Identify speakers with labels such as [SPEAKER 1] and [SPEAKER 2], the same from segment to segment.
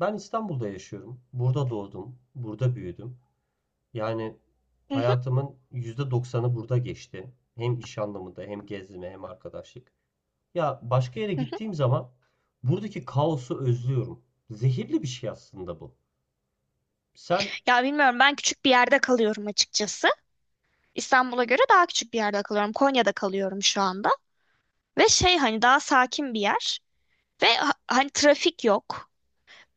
[SPEAKER 1] Ben İstanbul'da yaşıyorum. Burada doğdum, burada büyüdüm. Yani
[SPEAKER 2] Hı hı,
[SPEAKER 1] hayatımın %90'ı burada geçti. Hem iş anlamında, hem gezme, hem arkadaşlık. Ya başka yere
[SPEAKER 2] hı hı.
[SPEAKER 1] gittiğim zaman buradaki kaosu özlüyorum. Zehirli bir şey aslında bu. Sen
[SPEAKER 2] Ya bilmiyorum ben küçük bir yerde kalıyorum açıkçası. İstanbul'a göre daha küçük bir yerde kalıyorum. Konya'da kalıyorum şu anda. Ve şey hani daha sakin bir yer. Ve hani trafik yok.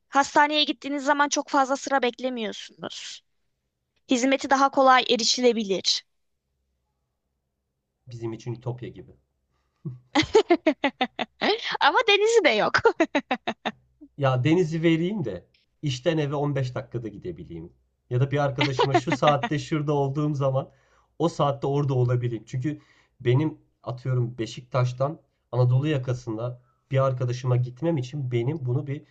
[SPEAKER 2] Hastaneye gittiğiniz zaman çok fazla sıra beklemiyorsunuz. Hizmeti daha kolay erişilebilir.
[SPEAKER 1] Bizim için ütopya gibi.
[SPEAKER 2] Ama denizi de yok.
[SPEAKER 1] Ya denizi vereyim de işten eve 15 dakikada gidebileyim. Ya da bir arkadaşıma şu saatte şurada olduğum zaman o saatte orada olabileyim. Çünkü benim atıyorum Beşiktaş'tan Anadolu yakasında bir arkadaşıma gitmem için benim bunu bir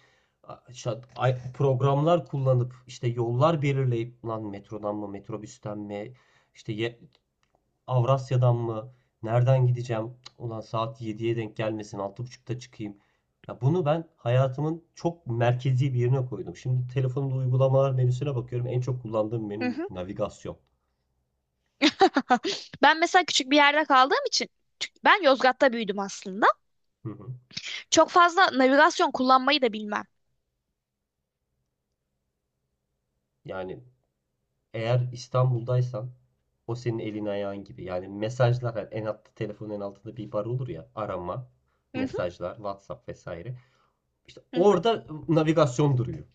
[SPEAKER 1] işte programlar kullanıp işte yollar belirleyip lan metrodan mı metrobüsten mi işte Avrasya'dan mı? Nereden gideceğim? Ulan saat 7'ye denk gelmesin. Altı buçukta çıkayım. Ya bunu ben hayatımın çok merkezi bir yerine koydum. Şimdi telefonumda uygulamalar menüsüne bakıyorum. En çok kullandığım
[SPEAKER 2] Hı
[SPEAKER 1] menü
[SPEAKER 2] hı.
[SPEAKER 1] navigasyon.
[SPEAKER 2] Ben mesela küçük bir yerde kaldığım için ben Yozgat'ta büyüdüm aslında.
[SPEAKER 1] Hı hı.
[SPEAKER 2] Çok fazla navigasyon kullanmayı da bilmem.
[SPEAKER 1] Yani eğer İstanbul'daysan o senin elin ayağın gibi. Yani mesajlar, hani en altta, telefonun en altında bir bar olur ya, arama,
[SPEAKER 2] Hı hı,
[SPEAKER 1] mesajlar, WhatsApp vesaire. İşte
[SPEAKER 2] hı hı.
[SPEAKER 1] orada navigasyon duruyor.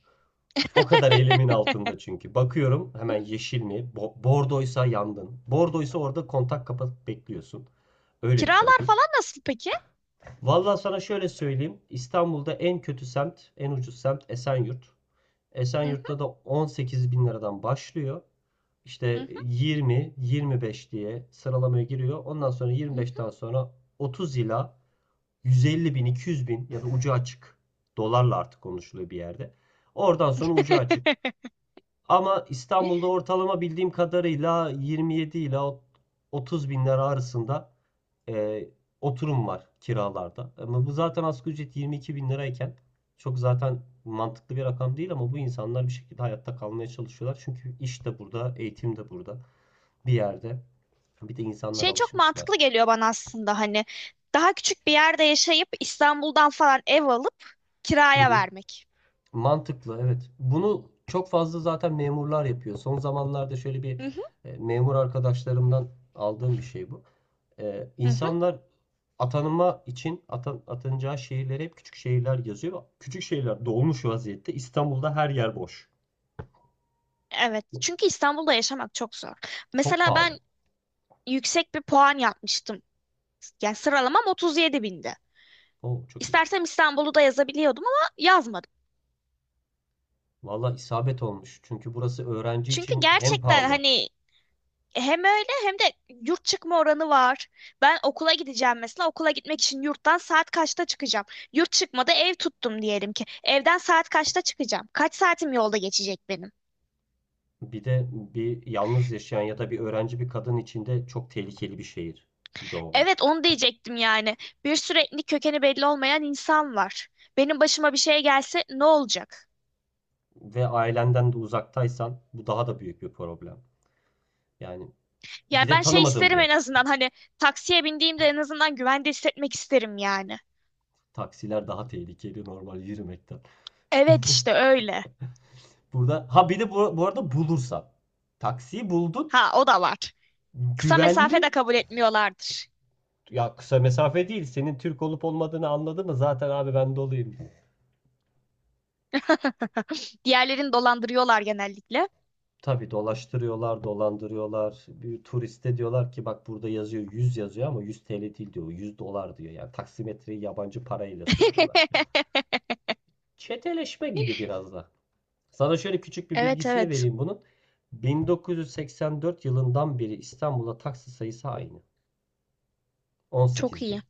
[SPEAKER 1] O kadar elimin altında çünkü. Bakıyorum hemen: yeşil mi? Bordoysa yandın. Bordoysa orada kontak kapatıp bekliyorsun. Öyle bir
[SPEAKER 2] Kiralar
[SPEAKER 1] trafik.
[SPEAKER 2] falan nasıl peki?
[SPEAKER 1] Vallahi sana şöyle söyleyeyim, İstanbul'da en kötü semt, en ucuz semt Esenyurt.
[SPEAKER 2] Hı hı,
[SPEAKER 1] Esenyurt'ta da 18 bin liradan başlıyor.
[SPEAKER 2] hı
[SPEAKER 1] İşte 20, 25 diye sıralamaya giriyor. Ondan sonra
[SPEAKER 2] hı.
[SPEAKER 1] 25'ten sonra 30 ila 150 bin, 200 bin ya da ucu açık, dolarla artık konuşuluyor bir yerde. Oradan sonra ucu açık. Ama İstanbul'da ortalama, bildiğim kadarıyla, 27 ile 30 binler arasında e, oturum var kiralarda. Ama bu zaten, asgari ücret 22 bin lirayken, çok zaten mantıklı bir rakam değil, ama bu insanlar bir şekilde hayatta kalmaya çalışıyorlar. Çünkü iş de burada, eğitim de burada bir yerde. Bir de insanlar
[SPEAKER 2] Şey çok
[SPEAKER 1] alışmışlar.
[SPEAKER 2] mantıklı geliyor bana aslında hani daha küçük bir yerde yaşayıp İstanbul'dan falan ev alıp
[SPEAKER 1] Hı
[SPEAKER 2] kiraya
[SPEAKER 1] hı.
[SPEAKER 2] vermek.
[SPEAKER 1] Mantıklı, evet. Bunu çok fazla zaten memurlar yapıyor. Son zamanlarda şöyle bir
[SPEAKER 2] Hı hı,
[SPEAKER 1] memur arkadaşlarımdan aldığım bir şey bu.
[SPEAKER 2] hı hı.
[SPEAKER 1] İnsanlar atanma için atanacağı şehirlere hep küçük şehirler yazıyor. Küçük şehirler dolmuş vaziyette. İstanbul'da her yer boş.
[SPEAKER 2] Evet, çünkü İstanbul'da yaşamak çok zor.
[SPEAKER 1] Çok
[SPEAKER 2] Mesela
[SPEAKER 1] pahalı.
[SPEAKER 2] ben yüksek bir puan yapmıştım. Yani sıralamam 37 bindi.
[SPEAKER 1] O çok iyi.
[SPEAKER 2] İstersem İstanbul'u da yazabiliyordum ama yazmadım.
[SPEAKER 1] Valla isabet olmuş. Çünkü burası öğrenci
[SPEAKER 2] Çünkü
[SPEAKER 1] için hem
[SPEAKER 2] gerçekten
[SPEAKER 1] pahalı,
[SPEAKER 2] hani hem öyle hem de yurt çıkma oranı var. Ben okula gideceğim mesela. Okula gitmek için yurttan saat kaçta çıkacağım? Yurt çıkmada ev tuttum diyelim ki. Evden saat kaçta çıkacağım? Kaç saatim yolda geçecek benim?
[SPEAKER 1] bir de bir yalnız yaşayan ya da bir öğrenci bir kadın için de çok tehlikeli bir şehir. Bir de o var.
[SPEAKER 2] Evet onu diyecektim yani. Bir sürü etnik kökeni belli olmayan insan var. Benim başıma bir şey gelse ne olacak?
[SPEAKER 1] Ve ailenden de uzaktaysan, bu daha da büyük bir problem. Yani bir
[SPEAKER 2] Yani
[SPEAKER 1] de
[SPEAKER 2] ben şey
[SPEAKER 1] tanımadığın bir
[SPEAKER 2] isterim en
[SPEAKER 1] yer.
[SPEAKER 2] azından hani taksiye bindiğimde en azından güvende hissetmek isterim yani.
[SPEAKER 1] Taksiler daha tehlikeli normal yürümekten.
[SPEAKER 2] Evet işte öyle.
[SPEAKER 1] Burada ha, bir de bu arada bulursan. Taksiyi buldun.
[SPEAKER 2] Ha o da var. Kısa mesafe
[SPEAKER 1] Güvenli.
[SPEAKER 2] de kabul etmiyorlardır.
[SPEAKER 1] Ya kısa mesafe değil, senin Türk olup olmadığını anladı mı? Zaten abi, ben dolayım.
[SPEAKER 2] Diğerlerini dolandırıyorlar genellikle.
[SPEAKER 1] Tabii dolaştırıyorlar, dolandırıyorlar. Bir turiste diyorlar ki, bak burada yazıyor, 100 yazıyor ama 100 TL değil diyor. 100 dolar diyor. Yani taksimetreyi yabancı parayla söylüyorlar. Çeteleşme gibi biraz da. Sana şöyle küçük bir
[SPEAKER 2] Evet
[SPEAKER 1] bilgisini
[SPEAKER 2] evet.
[SPEAKER 1] vereyim bunun. 1984 yılından beri İstanbul'da taksi sayısı aynı.
[SPEAKER 2] Çok
[SPEAKER 1] 18
[SPEAKER 2] iyi.
[SPEAKER 1] bin.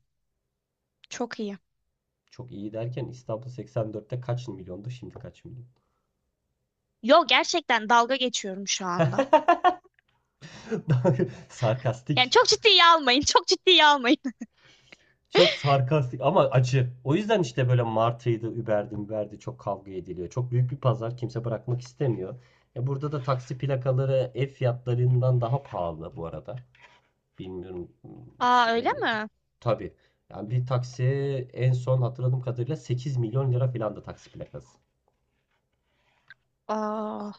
[SPEAKER 2] Çok iyi.
[SPEAKER 1] Çok iyi derken, İstanbul 84'te kaç milyondu, şimdi kaç milyon?
[SPEAKER 2] Yo gerçekten dalga geçiyorum şu anda. Yani
[SPEAKER 1] Sarkastik.
[SPEAKER 2] çok ciddiye almayın. Çok ciddiye almayın.
[SPEAKER 1] Çok sarkastik ama acı. O yüzden işte böyle Martı'ydı, Uber'di, çok kavga ediliyor. Çok büyük bir pazar, kimse bırakmak istemiyor. E burada da taksi plakaları ev fiyatlarından daha pahalı bu arada. Bilmiyorum
[SPEAKER 2] Aa
[SPEAKER 1] hiç.
[SPEAKER 2] öyle mi?
[SPEAKER 1] Tabii. Yani bir taksi, en son hatırladığım kadarıyla, 8 milyon lira falan da taksi plakası.
[SPEAKER 2] Aa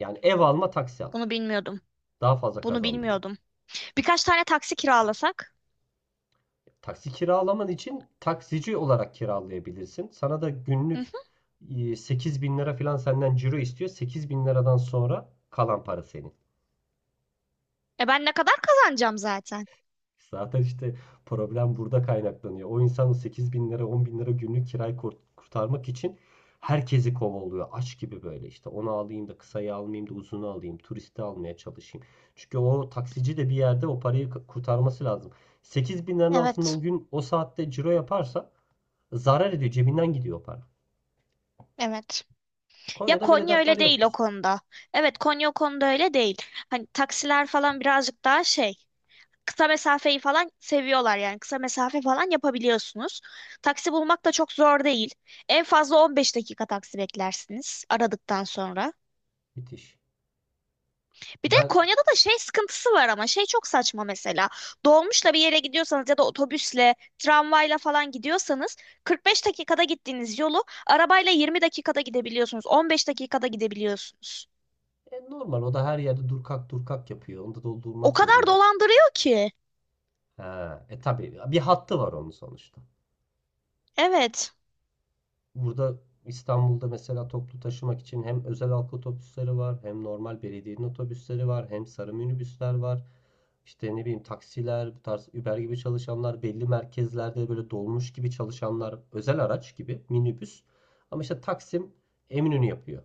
[SPEAKER 1] Yani ev alma, taksi al.
[SPEAKER 2] bunu bilmiyordum.
[SPEAKER 1] Daha fazla
[SPEAKER 2] Bunu
[SPEAKER 1] kazandırıyor.
[SPEAKER 2] bilmiyordum. Birkaç tane taksi kiralasak.
[SPEAKER 1] Taksi kiralaman için taksici olarak kiralayabilirsin. Sana da
[SPEAKER 2] Hı
[SPEAKER 1] günlük
[SPEAKER 2] hı.
[SPEAKER 1] 8 bin lira falan senden ciro istiyor. 8 bin liradan sonra kalan para senin.
[SPEAKER 2] E ben ne kadar kazanacağım zaten?
[SPEAKER 1] Zaten işte problem burada kaynaklanıyor. O insan, o 8 bin lira, 10 bin lira günlük kirayı kurtarmak için herkesi kovalıyor. Aç gibi böyle, işte onu alayım da kısayı almayayım da uzunu alayım, turisti almaya çalışayım. Çünkü o taksici de bir yerde o parayı kurtarması lazım. 8 bin liranın altında o
[SPEAKER 2] Evet.
[SPEAKER 1] gün o saatte ciro yaparsa zarar ediyor. Cebinden gidiyor o para.
[SPEAKER 2] Evet. Ya
[SPEAKER 1] Konya'da böyle
[SPEAKER 2] Konya
[SPEAKER 1] dertler
[SPEAKER 2] öyle değil o
[SPEAKER 1] yoktur.
[SPEAKER 2] konuda. Evet Konya o konuda öyle değil. Hani taksiler falan birazcık daha şey. Kısa mesafeyi falan seviyorlar yani. Kısa mesafe falan yapabiliyorsunuz. Taksi bulmak da çok zor değil. En fazla 15 dakika taksi beklersiniz aradıktan sonra.
[SPEAKER 1] Müthiş.
[SPEAKER 2] Bir de
[SPEAKER 1] Ben
[SPEAKER 2] Konya'da da şey sıkıntısı var ama şey çok saçma mesela. Dolmuşla bir yere gidiyorsanız ya da otobüsle, tramvayla falan gidiyorsanız 45 dakikada gittiğiniz yolu arabayla 20 dakikada gidebiliyorsunuz. 15 dakikada gidebiliyorsunuz.
[SPEAKER 1] Normal, o da her yerde dur kalk dur kalk yapıyor. Onda da
[SPEAKER 2] O
[SPEAKER 1] durmak
[SPEAKER 2] kadar
[SPEAKER 1] zorunda.
[SPEAKER 2] dolandırıyor ki.
[SPEAKER 1] Ha, tabii bir hattı var onun sonuçta.
[SPEAKER 2] Evet.
[SPEAKER 1] Burada, İstanbul'da mesela, toplu taşımak için hem özel halk otobüsleri var, hem normal belediyenin otobüsleri var, hem sarı minibüsler var. İşte ne bileyim, taksiler, bu tarz Uber gibi çalışanlar, belli merkezlerde böyle dolmuş gibi çalışanlar, özel araç gibi minibüs. Ama işte Taksim Eminönü yapıyor.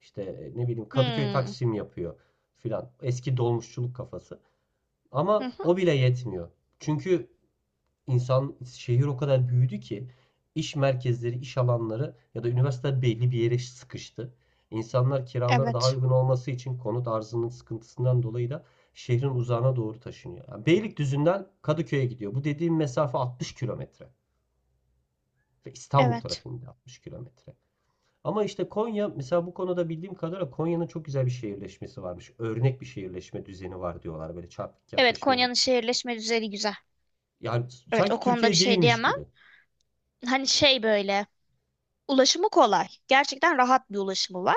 [SPEAKER 1] İşte ne bileyim Kadıköy
[SPEAKER 2] Hmm.
[SPEAKER 1] Taksim yapıyor filan. Eski dolmuşçuluk kafası.
[SPEAKER 2] Hı
[SPEAKER 1] Ama
[SPEAKER 2] hı.
[SPEAKER 1] o bile yetmiyor. Çünkü insan, şehir o kadar büyüdü ki, iş merkezleri, iş alanları ya da üniversiteler belli bir yere sıkıştı. İnsanlar kiraları daha
[SPEAKER 2] Evet.
[SPEAKER 1] uygun olması için, konut arzının sıkıntısından dolayı da, şehrin uzağına doğru taşınıyor. Yani Beylikdüzü'nden Kadıköy'e gidiyor. Bu dediğim mesafe 60 kilometre ve İstanbul
[SPEAKER 2] Evet.
[SPEAKER 1] trafiğinde 60 kilometre. Ama işte Konya mesela, bu konuda bildiğim kadarıyla Konya'nın çok güzel bir şehirleşmesi varmış. Örnek bir şehirleşme düzeni var diyorlar. Böyle çarpık
[SPEAKER 2] Evet
[SPEAKER 1] yaklaşımı yok.
[SPEAKER 2] Konya'nın şehirleşme düzeni güzel.
[SPEAKER 1] Yani
[SPEAKER 2] Evet
[SPEAKER 1] sanki
[SPEAKER 2] o konuda bir
[SPEAKER 1] Türkiye
[SPEAKER 2] şey
[SPEAKER 1] değilmiş
[SPEAKER 2] diyemem.
[SPEAKER 1] gibi.
[SPEAKER 2] Hani şey böyle ulaşımı kolay. Gerçekten rahat bir ulaşımı var.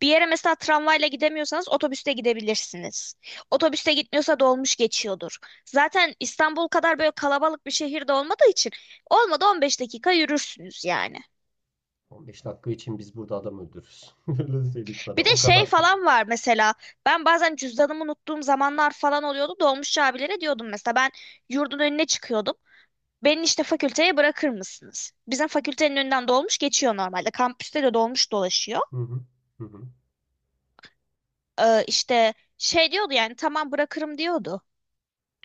[SPEAKER 2] Bir yere mesela tramvayla gidemiyorsanız otobüste gidebilirsiniz. Otobüste gitmiyorsa dolmuş geçiyordur. Zaten İstanbul kadar böyle kalabalık bir şehirde olmadığı için olmadı 15 dakika yürürsünüz yani.
[SPEAKER 1] 15 dakika için biz burada adam öldürürüz. Öyle söyleyeyim sana.
[SPEAKER 2] Bir de
[SPEAKER 1] O
[SPEAKER 2] şey
[SPEAKER 1] kadar kötü.
[SPEAKER 2] falan var mesela. Ben bazen cüzdanımı unuttuğum zamanlar falan oluyordu. Dolmuşçu abilere diyordum mesela ben yurdun önüne çıkıyordum. Beni işte fakülteye bırakır mısınız? Bizim fakültenin önünden dolmuş geçiyor normalde. Kampüste de dolmuş dolaşıyor.
[SPEAKER 1] Hı hı. Hı hı.
[SPEAKER 2] İşte şey diyordu yani tamam bırakırım diyordu.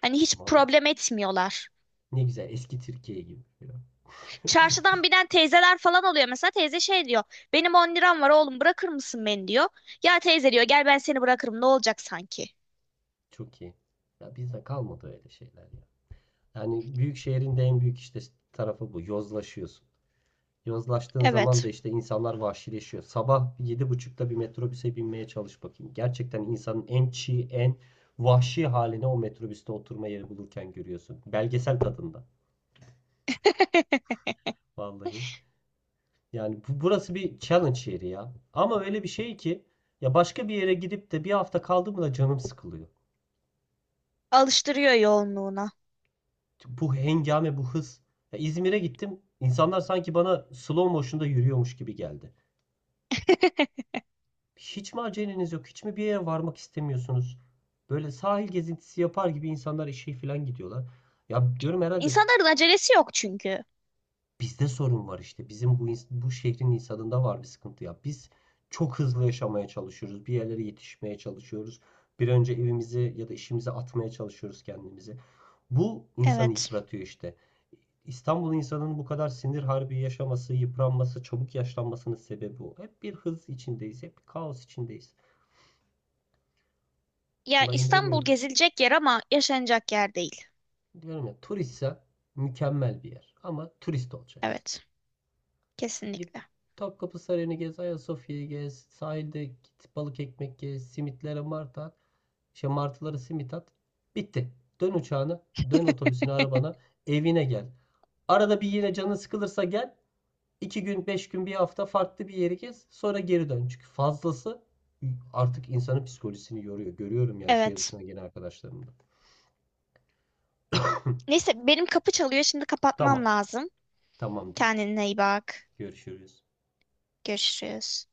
[SPEAKER 2] Hani hiç
[SPEAKER 1] Valla.
[SPEAKER 2] problem etmiyorlar.
[SPEAKER 1] Ne güzel, eski Türkiye gibi. Ya.
[SPEAKER 2] Çarşıdan binen teyzeler falan oluyor mesela. Teyze şey diyor. Benim 10 liram var oğlum bırakır mısın beni diyor. Ya teyze diyor gel ben seni bırakırım ne olacak sanki.
[SPEAKER 1] Çok iyi. Ya bizde kalmadı öyle şeyler ya. Yani büyük şehrin de en büyük işte tarafı bu: yozlaşıyorsun. Yozlaştığın zaman da
[SPEAKER 2] Evet.
[SPEAKER 1] işte insanlar vahşileşiyor. Sabah yedi buçukta bir metrobüse binmeye çalış bakayım. Gerçekten insanın en çiğ, en vahşi haline o metrobüste oturma yeri bulurken görüyorsun. Belgesel tadında. Vallahi. Yani burası bir challenge yeri ya. Ama öyle bir şey ki, ya başka bir yere gidip de bir hafta kaldım mı da canım sıkılıyor.
[SPEAKER 2] Alıştırıyor yoğunluğuna.
[SPEAKER 1] Bu hengame, bu hız. Ya İzmir'e gittim. İnsanlar sanki bana slow motion'da yürüyormuş gibi geldi. Hiç mi aceleniz yok? Hiç mi bir yere varmak istemiyorsunuz? Böyle sahil gezintisi yapar gibi insanlar işe falan gidiyorlar. Ya diyorum, herhalde
[SPEAKER 2] İnsanların acelesi yok çünkü.
[SPEAKER 1] bizde sorun var işte. Bizim bu şehrin insanında var bir sıkıntı ya. Biz çok hızlı yaşamaya çalışıyoruz. Bir yerlere yetişmeye çalışıyoruz. Bir önce evimizi ya da işimizi atmaya çalışıyoruz kendimizi. Bu insanı
[SPEAKER 2] Evet.
[SPEAKER 1] yıpratıyor işte. İstanbul insanının bu kadar sinir harbi yaşaması, yıpranması, çabuk yaşlanmasının sebebi o. Hep bir hız içindeyiz, hep bir kaos içindeyiz.
[SPEAKER 2] Yani
[SPEAKER 1] Allah'a
[SPEAKER 2] İstanbul
[SPEAKER 1] imreniyorum.
[SPEAKER 2] gezilecek yer ama yaşanacak yer değil.
[SPEAKER 1] Diyorum ya, turistsen mükemmel bir yer, ama turist olacaksın.
[SPEAKER 2] Evet.
[SPEAKER 1] Git
[SPEAKER 2] Kesinlikle.
[SPEAKER 1] Topkapı Sarayı'nı gez, Ayasofya'yı gez, sahilde git balık ekmek gez, simitlere mart at, şey martılara simit at. Bitti. Dön uçağına, dön otobüsüne, arabana, evine gel. Arada bir yine canın sıkılırsa gel. İki gün, beş gün, bir hafta farklı bir yeri gez. Sonra geri dön. Çünkü fazlası artık insanın psikolojisini yoruyor. Görüyorum yani şehir
[SPEAKER 2] Evet.
[SPEAKER 1] dışına gelen arkadaşlarımda.
[SPEAKER 2] Neyse benim kapı çalıyor. Şimdi
[SPEAKER 1] Tamam,
[SPEAKER 2] kapatmam lazım.
[SPEAKER 1] tamamdır.
[SPEAKER 2] Kendine iyi bak.
[SPEAKER 1] Görüşürüz.
[SPEAKER 2] Görüşürüz.